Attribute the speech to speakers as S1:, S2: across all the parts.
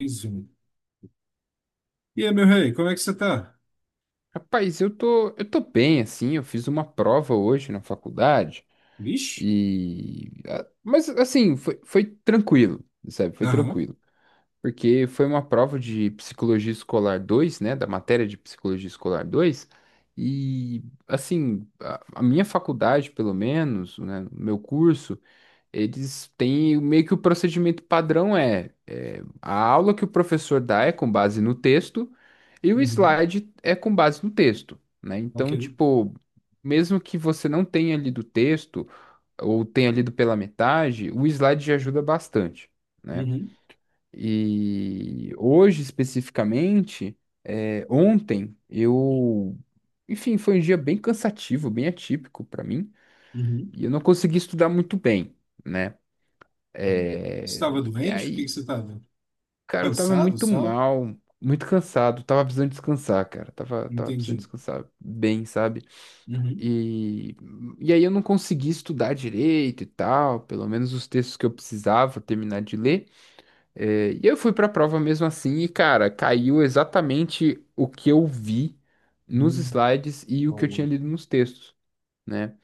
S1: Mais um. E aí, meu rei, como é que você tá?
S2: Rapaz, eu tô bem, assim, eu fiz uma prova hoje na faculdade
S1: Vixe?
S2: e... ah, Mas, assim, foi tranquilo, sabe? Foi
S1: Aham.
S2: tranquilo. Porque foi uma prova de Psicologia Escolar dois, né? Da matéria de Psicologia Escolar 2 e, assim, a minha faculdade, pelo menos, né? O meu curso, eles têm meio que o procedimento padrão A aula que o professor dá é com base no texto e o
S1: Uhum.
S2: slide é com base no texto, né?
S1: Ok.
S2: Então, tipo, mesmo que você não tenha lido o texto ou tenha lido pela metade, o slide já ajuda bastante, né?
S1: Uhum.
S2: E hoje, especificamente, ontem eu, enfim, foi um dia bem cansativo, bem atípico para mim,
S1: Uhum.
S2: e eu não consegui estudar muito bem, né?
S1: Uhum. Estava
S2: E
S1: doente? O que que
S2: aí,
S1: você estava?
S2: cara, eu tava
S1: Cansado
S2: muito
S1: só?
S2: mal, muito cansado, tava precisando descansar, cara. Tava precisando
S1: Entendi.
S2: descansar bem, sabe?
S1: Uhum.
S2: E, e aí eu não consegui estudar direito e tal, pelo menos os textos que eu precisava terminar de ler. E eu fui pra prova mesmo assim, e, cara, caiu exatamente o que eu vi nos
S1: Uhum.
S2: slides e o que eu
S1: Boa.
S2: tinha lido nos textos. Né?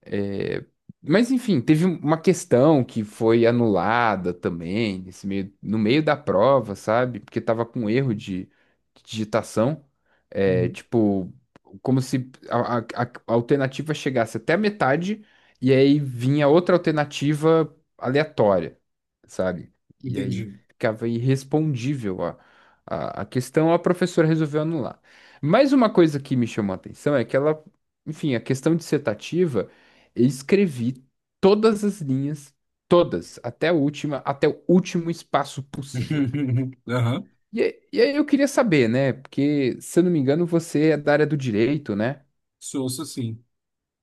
S2: É, mas enfim, teve uma questão que foi anulada também, nesse meio, no meio da prova, sabe? Porque tava com erro de digitação.
S1: Uhum.
S2: Tipo, como se a alternativa chegasse até a metade e aí vinha outra alternativa aleatória, sabe? E aí
S1: Entendi.
S2: ficava irrespondível a questão, a professora resolveu anular. Mas uma coisa que me chamou a atenção é que ela, enfim, a questão dissertativa. Eu escrevi todas as linhas, todas, até a última, até o último espaço possível.
S1: Aham.
S2: E aí eu queria saber, né? Porque, se eu não me engano, você é da área do direito, né?
S1: Sou. Ouço assim.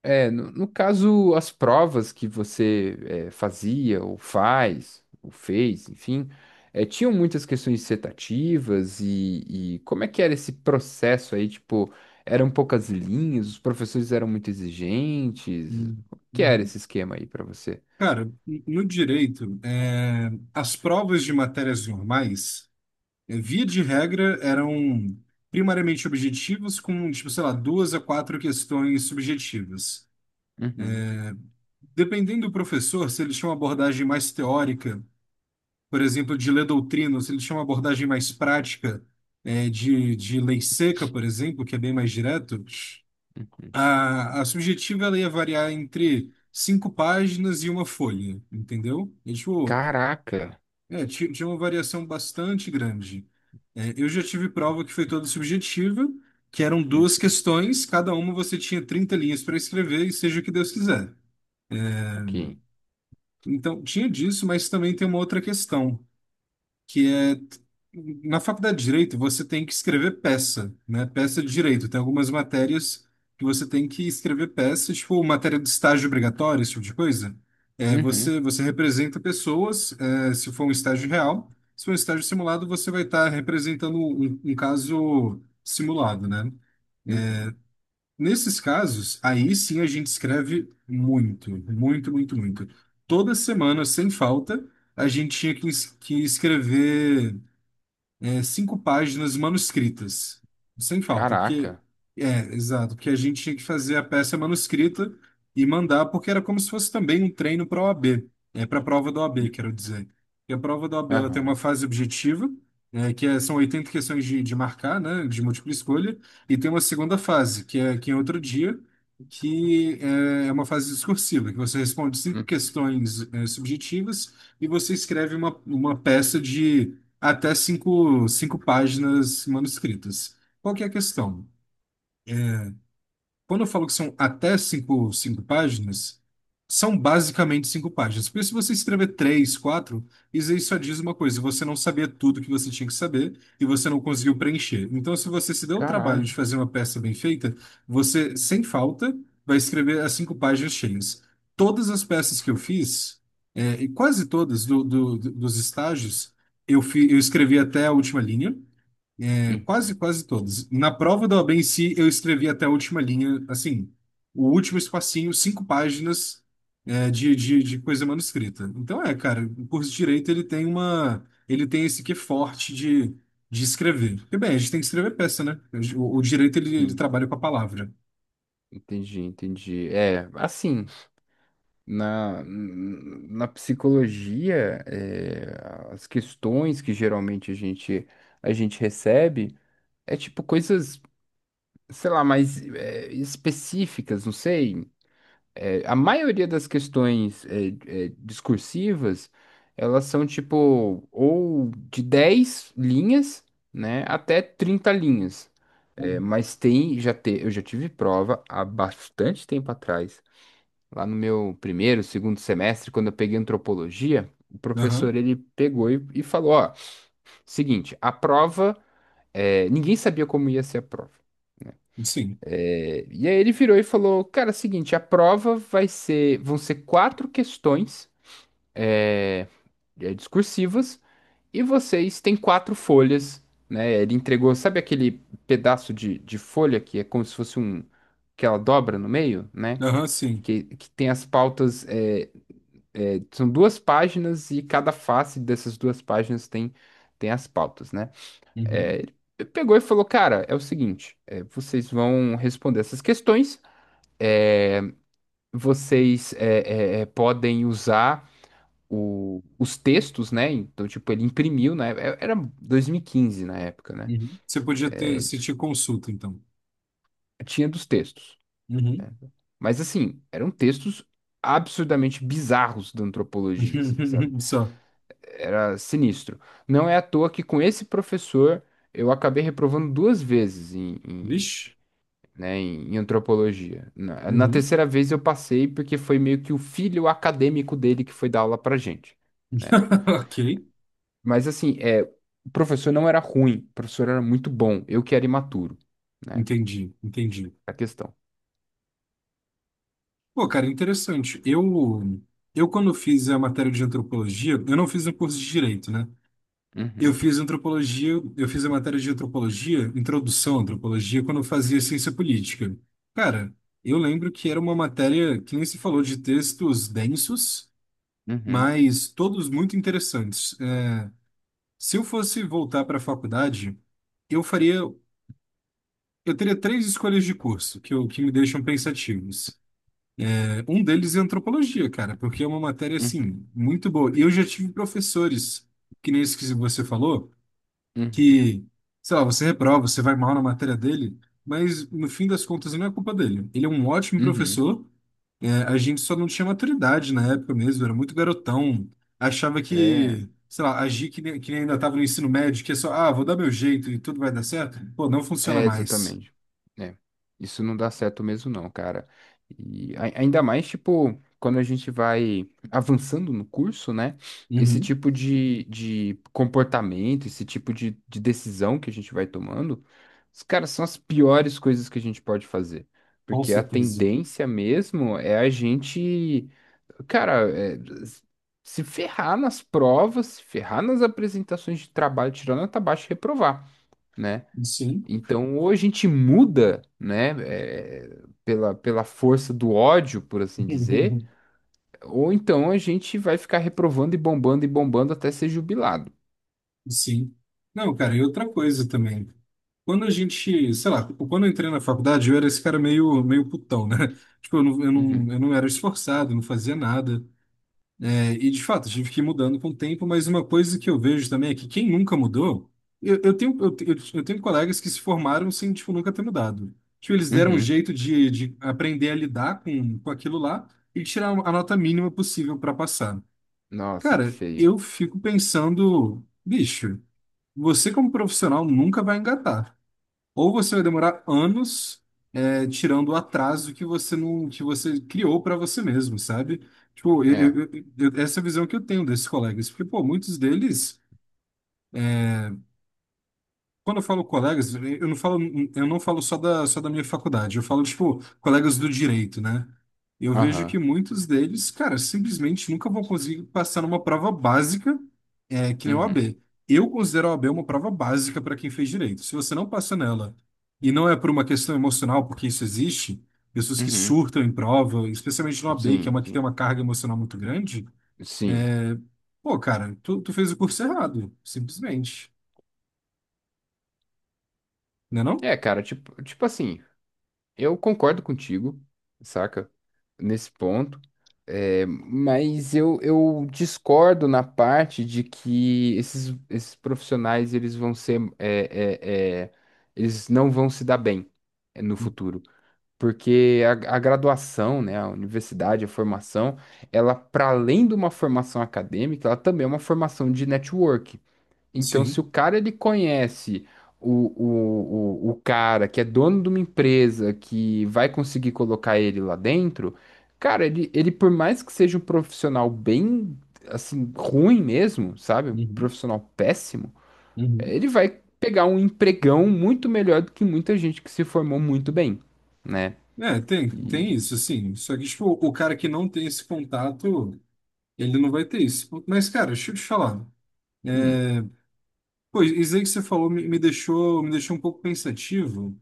S2: É, no caso, as provas que você fazia, ou faz, ou fez, enfim, tinham muitas questões dissertativas e como é que era esse processo aí? Tipo, eram poucas linhas, os professores eram muito exigentes.
S1: Uhum.
S2: Como que era
S1: Uhum.
S2: esse esquema aí para você?
S1: Cara, no direito, as provas de matérias normais. Via de regra, eram primariamente objetivos com, tipo, sei lá, duas a quatro questões subjetivas. Dependendo do professor, se ele tinha uma abordagem mais teórica, por exemplo, de ler doutrina, ou se ele tinha uma abordagem mais prática, de lei seca, por exemplo, que é bem mais direto,
S2: Uhum.
S1: a subjetiva ela ia variar entre cinco páginas e uma folha, entendeu? E, tipo,
S2: Caraca.
S1: Tinha uma variação bastante grande. Eu já tive prova que foi toda subjetiva, que eram
S2: Hum,
S1: duas questões, cada uma você tinha 30 linhas para escrever e seja o que Deus quiser.
S2: Ok.
S1: Então, tinha disso, mas também tem uma outra questão que é na faculdade de direito você tem que escrever peça, né? Peça de direito. Tem algumas matérias que você tem que escrever peça, tipo matéria de estágio obrigatório, esse tipo de coisa. Você
S2: Uhum.
S1: você representa pessoas, se for um estágio real. Se for um estágio simulado, você vai estar representando um caso simulado, né?
S2: Uhum.
S1: Nesses casos, aí sim a gente escreve muito, muito, muito, muito. Toda semana, sem falta, a gente tinha que escrever cinco páginas manuscritas, sem falta, porque
S2: Caraca.
S1: é, exato, porque a gente tinha que fazer a peça manuscrita e mandar, porque era como se fosse também um treino para a OAB, é para a prova da OAB, quero dizer. E a prova da OAB ela tem
S2: Aham.
S1: uma fase objetiva, são 80 questões de marcar, né, de múltipla escolha, e tem uma segunda fase, que é outro dia, que é uma fase discursiva, que você responde cinco
S2: Hum,
S1: questões, subjetivas e você escreve uma peça até cinco páginas manuscritas. Qual que é a questão? Quando eu falo que são até cinco páginas, são basicamente cinco páginas. Porque se você escrever três, quatro, isso aí só diz uma coisa, você não sabia tudo que você tinha que saber e você não conseguiu preencher. Então, se você se deu o trabalho
S2: caralho.
S1: de fazer uma peça bem feita, você, sem falta, vai escrever as cinco páginas cheias. Todas as peças que eu fiz, e quase todas dos estágios, eu escrevi até a última linha. Quase,
S2: Uhum.
S1: quase todos. Na prova da OAB em si, eu escrevi até a última linha, assim, o último espacinho, cinco páginas de coisa manuscrita. Então cara, o curso de Direito, ele tem esse que forte de escrever. Porque, bem, a gente tem que escrever peça, né? O Direito, ele
S2: Sim.
S1: trabalha com a palavra.
S2: Entendi, entendi. Assim, na psicologia, é, as questões que geralmente a gente recebe é tipo coisas, sei lá, mais específicas, não sei. A maioria das questões é discursivas, elas são tipo ou de 10 linhas, né, até 30 linhas.
S1: Uhum.
S2: Mas eu já tive prova há bastante tempo atrás, lá no meu primeiro, segundo semestre, quando eu peguei antropologia, o
S1: Aham,
S2: professor ele pegou e falou, ó, seguinte, a prova, é, ninguém sabia como ia ser a prova.
S1: sim.
S2: E aí ele virou e falou: Cara, é o seguinte, a prova vão ser quatro questões é, discursivas e vocês têm quatro folhas, né? Ele entregou, sabe aquele pedaço de folha que é como se fosse um que ela dobra no meio, né?
S1: Aham, sim.
S2: Que tem as pautas, são duas páginas e cada face dessas duas páginas tem as pautas, né?
S1: Uhum,
S2: É, ele pegou e falou: Cara, é o seguinte, é, vocês vão responder essas questões. Vocês podem usar os textos, né? Então, tipo, ele imprimiu, né? Era 2015 na época, né?
S1: uhum. Você podia ter, se te consulta, então.
S2: Tinha dos textos, né?
S1: Uhum.
S2: Mas, assim, eram textos absurdamente bizarros da antropologia, assim, sabe?
S1: Só.
S2: Era sinistro. Não é à toa que com esse professor eu acabei reprovando duas vezes
S1: Vixe.
S2: né, em antropologia. Na
S1: Uhum.
S2: terceira vez eu passei porque foi meio que o filho acadêmico dele que foi dar aula pra gente. Né?
S1: Ok.
S2: Mas assim, é, o professor não era ruim, o professor era muito bom, eu que era imaturo, né?
S1: Entendi, entendi.
S2: A questão.
S1: Pô, cara, interessante. Eu quando fiz a matéria de antropologia, eu não fiz o curso de direito, né? Eu
S2: Uhum,
S1: fiz antropologia, eu fiz a matéria de antropologia, introdução à antropologia, quando eu fazia ciência política. Cara, eu lembro que era uma matéria que nem se falou de textos densos,
S2: uhum,
S1: mas todos muito interessantes. Se eu fosse voltar para a faculdade, eu faria, eu teria três escolhas de curso que me deixam pensativos. Um deles é antropologia, cara, porque é uma matéria,
S2: uhum,
S1: assim, muito boa. E eu já tive professores, que nem esse que você falou,
S2: uhum,
S1: que, sei lá, você reprova, você vai mal na matéria dele, mas no fim das contas não é culpa dele. Ele é um ótimo
S2: uhum.
S1: professor, a gente só não tinha maturidade na época mesmo, era muito garotão, achava que,
S2: É.
S1: sei lá, agir que nem ainda estava no ensino médio, que é só, ah, vou dar meu jeito e tudo vai dar certo. Pô, não funciona
S2: É,
S1: mais.
S2: exatamente. É. Isso não dá certo mesmo, não, cara. E ai- ainda mais, tipo, quando a gente vai avançando no curso, né? Esse
S1: Uhum,
S2: tipo de comportamento, esse tipo de decisão que a gente vai tomando, os caras são as piores coisas que a gente pode fazer.
S1: com
S2: Porque a
S1: certeza.
S2: tendência mesmo é a gente, cara, é, se ferrar nas provas, se ferrar nas apresentações de trabalho, tirando nota baixa e reprovar. Né?
S1: Sim.
S2: Então, ou a gente muda, né, eh, pela, pela força do ódio, por assim dizer, ou então a gente vai ficar reprovando e bombando até ser jubilado.
S1: Sim. Não, cara, e outra coisa também. Quando a gente, sei lá, tipo, quando eu entrei na faculdade, eu era esse cara meio putão, né? Tipo, eu não, eu
S2: Uhum,
S1: não, eu não era esforçado, não fazia nada. E, de fato, tive que ir mudando com o tempo, mas uma coisa que eu vejo também é que quem nunca mudou, eu tenho colegas que se formaram sem, tipo, nunca ter mudado. Tipo, eles deram um
S2: uhum.
S1: jeito de aprender a lidar com aquilo lá e tirar a nota mínima possível para passar.
S2: Nossa, que
S1: Cara,
S2: feio.
S1: eu fico pensando, bicho. Você, como profissional, nunca vai engatar. Ou você vai demorar anos, tirando o atraso que você não, que você criou para você mesmo, sabe? Tipo,
S2: É,
S1: essa é a visão que eu tenho desses colegas, porque, pô, muitos deles. Quando eu falo colegas, eu não falo só da minha faculdade, eu falo, tipo, colegas do direito, né? Eu vejo que
S2: aham,
S1: muitos deles, cara, simplesmente nunca vão conseguir passar numa prova básica, que nem a O A
S2: uhum,
S1: B Eu considero a OAB uma prova básica para quem fez direito. Se você não passa nela, e não é por uma questão emocional, porque isso existe, pessoas que
S2: uhum.
S1: surtam em prova, especialmente na OAB que é
S2: Sim,
S1: uma que tem
S2: sim,
S1: uma carga emocional muito grande,
S2: sim.
S1: é, pô, cara, tu fez o curso errado, simplesmente, né não?
S2: É, cara, tipo assim. Eu concordo contigo, saca? Nesse ponto. É, mas eu discordo na parte de que esses profissionais eles vão ser eles não vão se dar bem é, no futuro. Porque a graduação, né, a universidade, a formação, ela, para além de uma formação acadêmica, ela também é uma formação de network. Então, se
S1: Sim.
S2: o cara ele conhece o cara que é dono de uma empresa que vai conseguir colocar ele lá dentro, cara, ele por mais que seja um profissional bem, assim, ruim mesmo, sabe? Um profissional péssimo,
S1: Uhum.
S2: ele vai pegar um empregão muito melhor do que muita gente que se formou muito bem, né?
S1: É, tem,
S2: E.
S1: tem isso, sim. Só que, tipo, o cara que não tem esse contato, ele não vai ter isso. Mas, cara, deixa eu te falar.
S2: Hum,
S1: É, Pô, isso aí que você falou me deixou um pouco pensativo.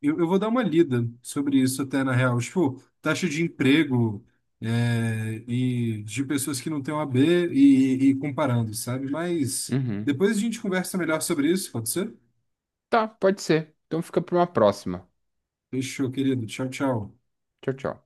S1: Eu vou dar uma lida sobre isso até, na real. Tipo, taxa de emprego, e de pessoas que não têm OAB e comparando, sabe? Mas
S2: uhum.
S1: depois a gente conversa melhor sobre isso, pode ser?
S2: Tá, pode ser. Então fica para uma próxima.
S1: Fechou, querido. Tchau, tchau.
S2: Tchau, tchau.